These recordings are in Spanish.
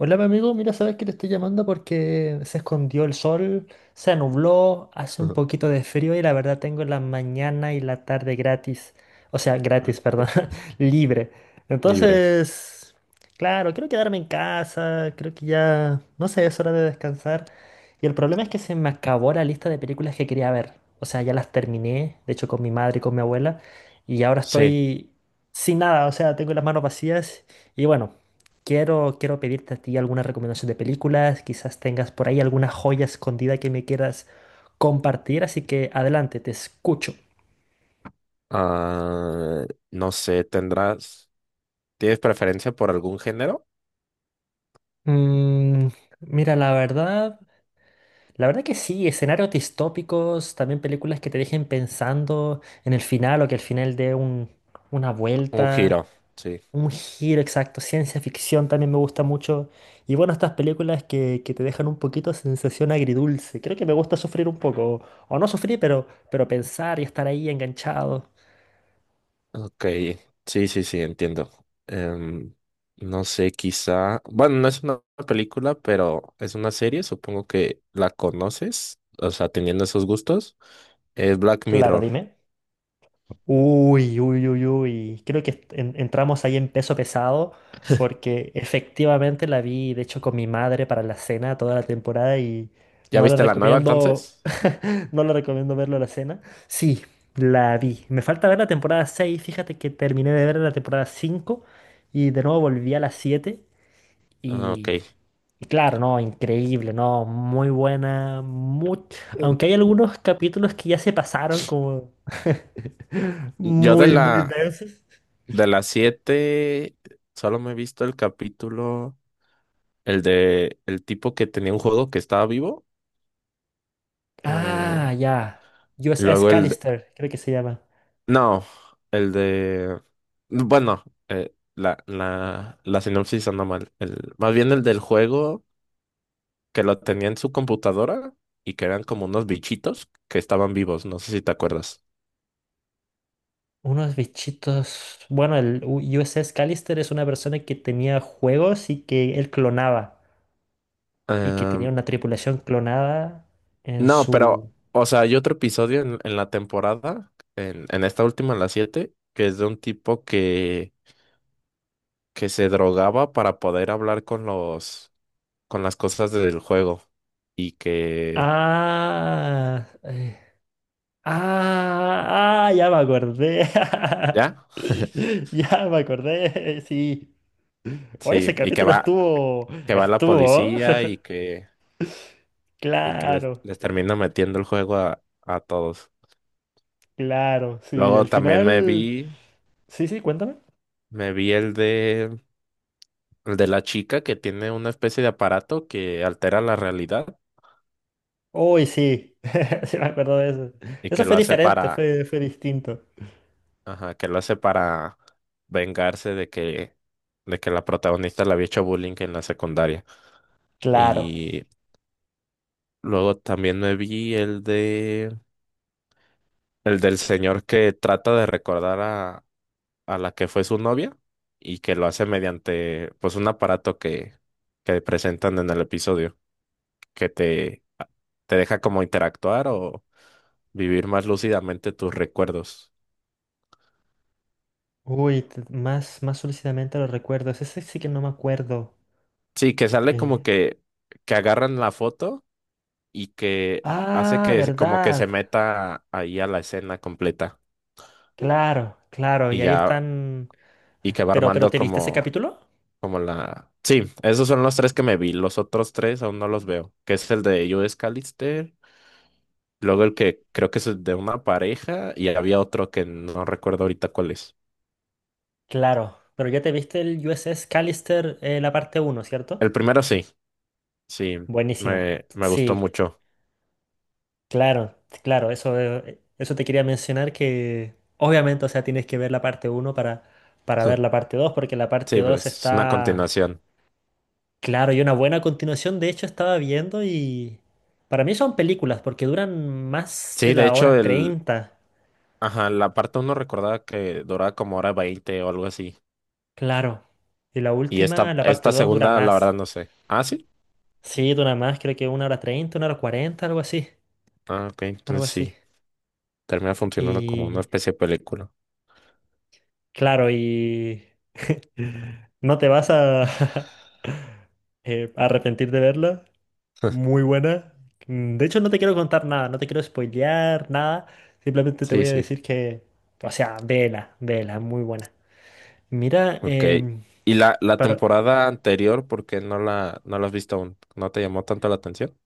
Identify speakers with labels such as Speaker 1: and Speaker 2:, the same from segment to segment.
Speaker 1: Hola, mi amigo. Mira, sabes que te estoy llamando porque se escondió el sol, se nubló, hace un
Speaker 2: Ujú.
Speaker 1: poquito de frío y la verdad tengo la mañana y la tarde gratis. O sea, gratis, perdón, libre.
Speaker 2: Libre.
Speaker 1: Entonces, claro, quiero quedarme en casa, creo que ya, no sé, es hora de descansar. Y el problema es que se me acabó la lista de películas que quería ver. O sea, ya las terminé, de hecho, con mi madre y con mi abuela, y ahora
Speaker 2: Sí.
Speaker 1: estoy sin nada, o sea, tengo las manos vacías y bueno. Quiero pedirte a ti alguna recomendación de películas, quizás tengas por ahí alguna joya escondida que me quieras compartir, así que adelante, te escucho.
Speaker 2: Ah, no sé, ¿Tienes preferencia por algún género?
Speaker 1: Mm, Mira, la verdad que sí, escenarios distópicos, también películas que te dejen pensando en el final o que al final dé una
Speaker 2: Un
Speaker 1: vuelta.
Speaker 2: giro, sí.
Speaker 1: Un giro exacto, ciencia ficción también me gusta mucho. Y bueno, estas películas que te dejan un poquito de sensación agridulce. Creo que me gusta sufrir un poco, o no sufrir, pero pensar y estar ahí enganchado.
Speaker 2: Ok. Sí, entiendo. Em, no sé, quizá. Bueno, no es una película, pero es una serie. Supongo que la conoces, o sea, teniendo esos gustos. Es Black
Speaker 1: Claro,
Speaker 2: Mirror.
Speaker 1: dime. Uy, uy, uy, uy. Creo que entramos ahí en peso pesado porque efectivamente la vi, de hecho, con mi madre para la cena toda la temporada y
Speaker 2: ¿Ya
Speaker 1: no le
Speaker 2: viste la nueva
Speaker 1: recomiendo,
Speaker 2: entonces?
Speaker 1: no le recomiendo verlo a la cena. Sí, la vi. Me falta ver la temporada 6. Fíjate que terminé de ver la temporada 5 y de nuevo volví a la 7
Speaker 2: Ah, ok.
Speaker 1: y claro, no, increíble, no, muy buena, aunque hay algunos capítulos que ya se pasaron como
Speaker 2: Yo de
Speaker 1: muy, muy
Speaker 2: la
Speaker 1: densos.
Speaker 2: de las siete solo me he visto el capítulo, el de el tipo que tenía un juego que estaba vivo. Eh,
Speaker 1: Ah, ya, USS
Speaker 2: luego el de-
Speaker 1: Callister, creo que se llama.
Speaker 2: no, el de bueno, la, la, la sinopsis anda mal. El, más bien el del juego que lo tenía en su computadora y que eran como unos bichitos que estaban vivos. ¿No sé si te acuerdas?
Speaker 1: Unos bichitos, bueno, el USS Callister es una persona que tenía juegos y que él clonaba y que tenía
Speaker 2: Em,
Speaker 1: una tripulación clonada en
Speaker 2: No, pero,
Speaker 1: su.
Speaker 2: o sea, hay otro episodio en la temporada, en esta última, en la 7, que es de un tipo que se drogaba para poder hablar con con las cosas del juego. Y que,
Speaker 1: Ah. Ah, ah, ya me acordé.
Speaker 2: ¿ya?
Speaker 1: Ya me acordé, sí. Oye,
Speaker 2: Sí,
Speaker 1: ese capítulo estuvo,
Speaker 2: que va la
Speaker 1: estuvo.
Speaker 2: policía y que
Speaker 1: Claro,
Speaker 2: les termina metiendo el juego a todos.
Speaker 1: claro, sí.
Speaker 2: Luego
Speaker 1: Al
Speaker 2: también
Speaker 1: final, sí, sí, cuéntame.
Speaker 2: me vi el de la chica que tiene una especie de aparato que altera la realidad
Speaker 1: Uy, sí, sí me acuerdo de eso.
Speaker 2: y
Speaker 1: Eso
Speaker 2: que lo
Speaker 1: fue
Speaker 2: hace
Speaker 1: diferente,
Speaker 2: para...
Speaker 1: fue distinto.
Speaker 2: Ajá, que lo hace para vengarse de que la protagonista le había hecho bullying en la secundaria.
Speaker 1: Claro.
Speaker 2: Y luego también me vi el de, el del señor que trata de recordar a la que fue su novia y que lo hace mediante, pues, un aparato que presentan en el episodio, que te, te deja como interactuar o vivir más lúcidamente tus recuerdos.
Speaker 1: Uy, más, más solicitamente los recuerdos. Ese sí sí que no me acuerdo.
Speaker 2: Sí,
Speaker 1: Eh,
Speaker 2: que agarran la foto y que hace
Speaker 1: Ah,
Speaker 2: que como que se
Speaker 1: verdad.
Speaker 2: meta ahí a la escena completa
Speaker 1: Claro, claro. Y
Speaker 2: y
Speaker 1: ahí
Speaker 2: ya,
Speaker 1: están.
Speaker 2: y que va
Speaker 1: Pero
Speaker 2: armando
Speaker 1: ¿te viste ese capítulo?
Speaker 2: como la... Sí, esos son los tres que me vi, los otros tres aún no los veo, que es el de Judas Callister, luego el que creo que es el de una pareja y había otro que no recuerdo ahorita cuál es.
Speaker 1: Claro, pero ya te viste el USS Callister, la parte uno, ¿cierto?
Speaker 2: El primero sí, sí,
Speaker 1: Buenísima.
Speaker 2: me gustó
Speaker 1: Sí,
Speaker 2: mucho.
Speaker 1: claro, claro, eso te quería mencionar que obviamente, o sea, tienes que ver la parte uno para ver la parte 2, porque la parte
Speaker 2: Sí,
Speaker 1: 2
Speaker 2: pues es una
Speaker 1: está,
Speaker 2: continuación.
Speaker 1: claro, y una buena continuación, de hecho estaba viendo y para mí son películas, porque duran más
Speaker 2: Sí,
Speaker 1: de
Speaker 2: de
Speaker 1: la
Speaker 2: hecho,
Speaker 1: hora 30.
Speaker 2: ajá, la parte uno recordaba que duraba como hora veinte o algo así.
Speaker 1: Claro. Y la
Speaker 2: Y
Speaker 1: última,
Speaker 2: esta,
Speaker 1: la parte
Speaker 2: esta
Speaker 1: 2, dura
Speaker 2: segunda, la verdad,
Speaker 1: más.
Speaker 2: no sé. Ah, sí.
Speaker 1: Sí, dura más, creo que una hora 30, una hora 40, algo así,
Speaker 2: Ah, ok.
Speaker 1: algo
Speaker 2: Entonces
Speaker 1: así.
Speaker 2: sí. Termina funcionando como una
Speaker 1: Y
Speaker 2: especie de película.
Speaker 1: claro, y no te vas a arrepentir de verla. Muy buena. De hecho, no te quiero contar nada, no te quiero spoilear nada. Simplemente te
Speaker 2: Sí,
Speaker 1: voy a
Speaker 2: sí.
Speaker 1: decir que, o sea, vela, vela, muy buena. Mira,
Speaker 2: Ok.
Speaker 1: em,
Speaker 2: ¿Y la
Speaker 1: para,
Speaker 2: temporada anterior, por qué no la has visto aún? ¿No te llamó tanto la atención?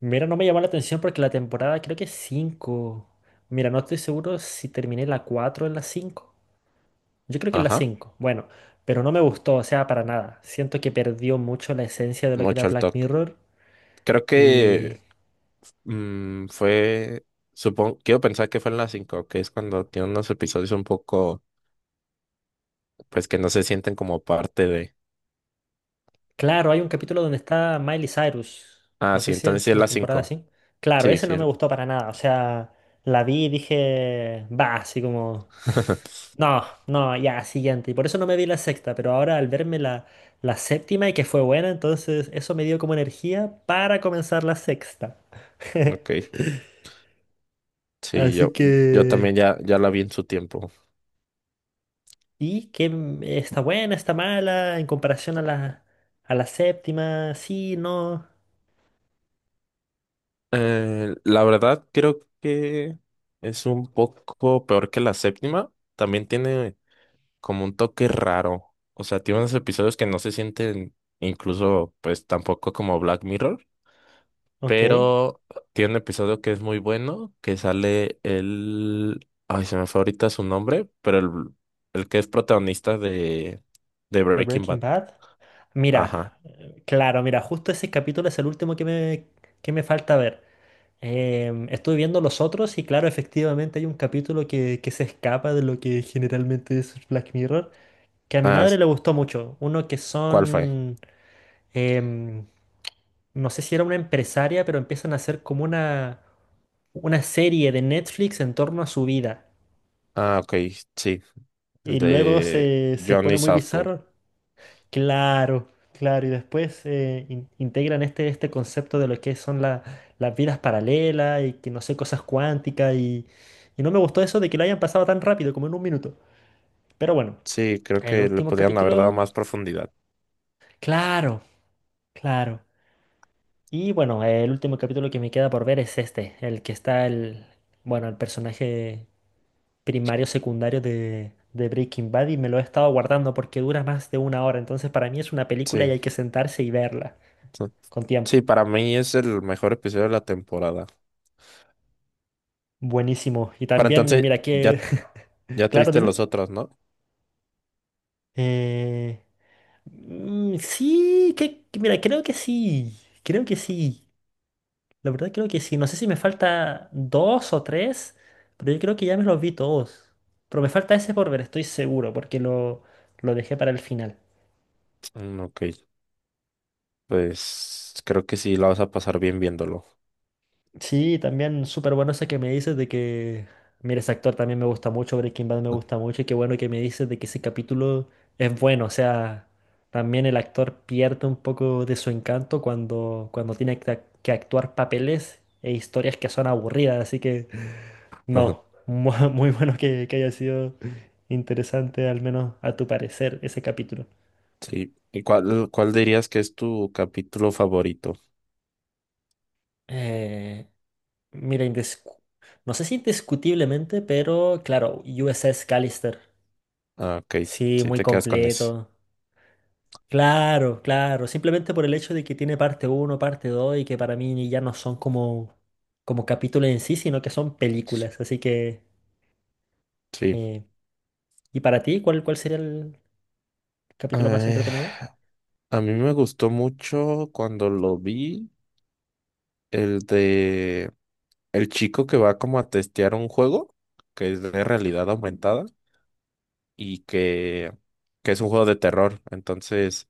Speaker 1: mira, no me llamó la atención porque la temporada creo que es 5. Mira, no estoy seguro si terminé la cuatro o en la cinco. Yo creo que en la
Speaker 2: Ajá.
Speaker 1: cinco. Bueno, pero no me gustó, o sea, para nada. Siento que perdió mucho la esencia de lo que era
Speaker 2: Mucho al
Speaker 1: Black
Speaker 2: toque.
Speaker 1: Mirror.
Speaker 2: Creo
Speaker 1: Y
Speaker 2: que fue... Supongo, quiero pensar que fue en la cinco, que es cuando tiene unos episodios un poco, pues que no se sienten como parte de.
Speaker 1: claro, hay un capítulo donde está Miley Cyrus.
Speaker 2: Ah,
Speaker 1: No
Speaker 2: sí,
Speaker 1: sé si
Speaker 2: entonces sí
Speaker 1: es
Speaker 2: es
Speaker 1: en la
Speaker 2: la
Speaker 1: temporada
Speaker 2: cinco.
Speaker 1: así. Claro,
Speaker 2: Sí,
Speaker 1: ese
Speaker 2: sí.
Speaker 1: no me
Speaker 2: Es-
Speaker 1: gustó para nada. O sea, la vi y dije, va, así como, no, no, ya, siguiente. Y por eso no me vi la sexta, pero ahora al verme la séptima y que fue buena, entonces eso me dio como energía para comenzar la sexta.
Speaker 2: Ok. Sí,
Speaker 1: Así
Speaker 2: yo
Speaker 1: que.
Speaker 2: también ya la vi en su tiempo.
Speaker 1: ¿Y qué está buena, está mala en comparación a la séptima? Sí, no.
Speaker 2: La verdad, creo que es un poco peor que la séptima. También tiene como un toque raro. O sea, tiene unos episodios que no se sienten incluso, pues tampoco como Black Mirror.
Speaker 1: Ok.
Speaker 2: Pero tiene un episodio que es muy bueno, que sale el... Ay, se me fue ahorita su nombre, pero el que es protagonista de
Speaker 1: ¿De
Speaker 2: Breaking
Speaker 1: Breaking
Speaker 2: Bad.
Speaker 1: Bad? Mira,
Speaker 2: Ajá.
Speaker 1: claro, mira, justo ese capítulo es el último que me falta ver. Estuve viendo los otros y claro, efectivamente hay un capítulo que se escapa de lo que generalmente es Black Mirror, que a mi
Speaker 2: Ah,
Speaker 1: madre le gustó mucho. Uno que
Speaker 2: ¿cuál fue?
Speaker 1: son, em, no sé si era una empresaria, pero empiezan a hacer como una serie de Netflix en torno a su vida.
Speaker 2: Ah, ok, sí, el
Speaker 1: Y luego
Speaker 2: de
Speaker 1: se
Speaker 2: Johnny
Speaker 1: pone muy
Speaker 2: Southpaw.
Speaker 1: bizarro. Claro, claro. Y después integran este concepto de lo que son las vidas paralelas y que no sé, cosas cuánticas. Y no me gustó eso de que lo hayan pasado tan rápido, como en un minuto. Pero bueno,
Speaker 2: Sí, creo
Speaker 1: el
Speaker 2: que le
Speaker 1: último
Speaker 2: podían haber dado
Speaker 1: capítulo.
Speaker 2: más profundidad.
Speaker 1: Claro, claro. Y bueno, el último capítulo que me queda por ver es este, el que está el personaje primario, secundario de Breaking Bad y me lo he estado guardando porque dura más de una hora. Entonces para mí es una película y
Speaker 2: Sí,
Speaker 1: hay que sentarse y verla
Speaker 2: sí,
Speaker 1: con tiempo.
Speaker 2: sí, para mí es el mejor episodio de la temporada.
Speaker 1: Buenísimo. Y
Speaker 2: Para
Speaker 1: también,
Speaker 2: entonces,
Speaker 1: mira que.
Speaker 2: ya, ya te
Speaker 1: Claro,
Speaker 2: viste
Speaker 1: dime.
Speaker 2: los otros, ¿no?
Speaker 1: Eh, sí, mira, creo que sí. Creo que sí. La verdad creo que sí. No sé si me falta dos o tres, pero yo creo que ya me los vi todos. Pero me falta ese por ver, estoy seguro, porque lo dejé para el final.
Speaker 2: Mm, ok, pues creo que sí, la vas a pasar bien viéndolo.
Speaker 1: Sí, también súper bueno ese que me dices de que, mira, ese actor también me gusta mucho, Breaking Bad me gusta mucho, y qué bueno que me dices de que ese capítulo es bueno, o sea, también el actor pierde un poco de su encanto cuando tiene que actuar papeles e historias que son aburridas, así que no, muy bueno que haya sido interesante, al menos a tu parecer, ese capítulo.
Speaker 2: Sí, ¿y cuál dirías que es tu capítulo favorito?
Speaker 1: Eh, mira, no sé si indiscutiblemente, pero claro, USS Callister.
Speaker 2: Ah, ok,
Speaker 1: Sí,
Speaker 2: sí,
Speaker 1: muy
Speaker 2: te quedas con ese.
Speaker 1: completo. Claro, claro. Simplemente por el hecho de que tiene parte uno, parte 2 y que para mí ya no son como, capítulos en sí, sino que son películas. Así que.
Speaker 2: Sí.
Speaker 1: eh, ¿Y para ti cuál sería el capítulo más
Speaker 2: Eh,
Speaker 1: entretenido?
Speaker 2: a mí me gustó mucho cuando lo vi. El de el chico que va como a testear un juego que es de realidad aumentada y que, que es un juego de terror. Entonces,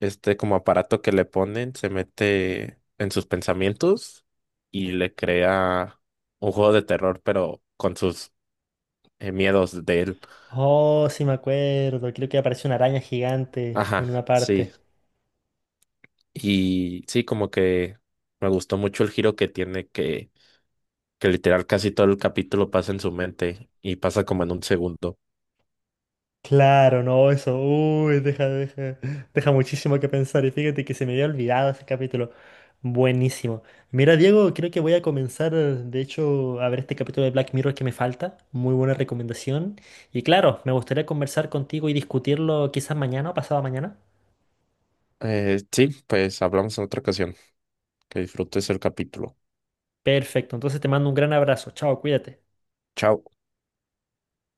Speaker 2: este como aparato que le ponen se mete en sus pensamientos y le crea un juego de terror, pero con sus miedos de él.
Speaker 1: Oh, sí me acuerdo. Creo que aparece una araña gigante en
Speaker 2: Ajá,
Speaker 1: una
Speaker 2: sí.
Speaker 1: parte.
Speaker 2: Y sí, como que me gustó mucho el giro que tiene que literal casi todo el capítulo pasa en su mente y pasa como en un segundo.
Speaker 1: Claro, no, eso, uy, deja, deja, deja muchísimo que pensar. Y fíjate que se me había olvidado ese capítulo. Buenísimo. Mira, Diego, creo que voy a comenzar, de hecho, a ver este capítulo de Black Mirror que me falta. Muy buena recomendación. Y claro, me gustaría conversar contigo y discutirlo quizás mañana o pasado mañana.
Speaker 2: Sí, pues hablamos en otra ocasión. Que disfrutes el capítulo.
Speaker 1: Perfecto, entonces te mando un gran abrazo. Chao, cuídate.
Speaker 2: Chao.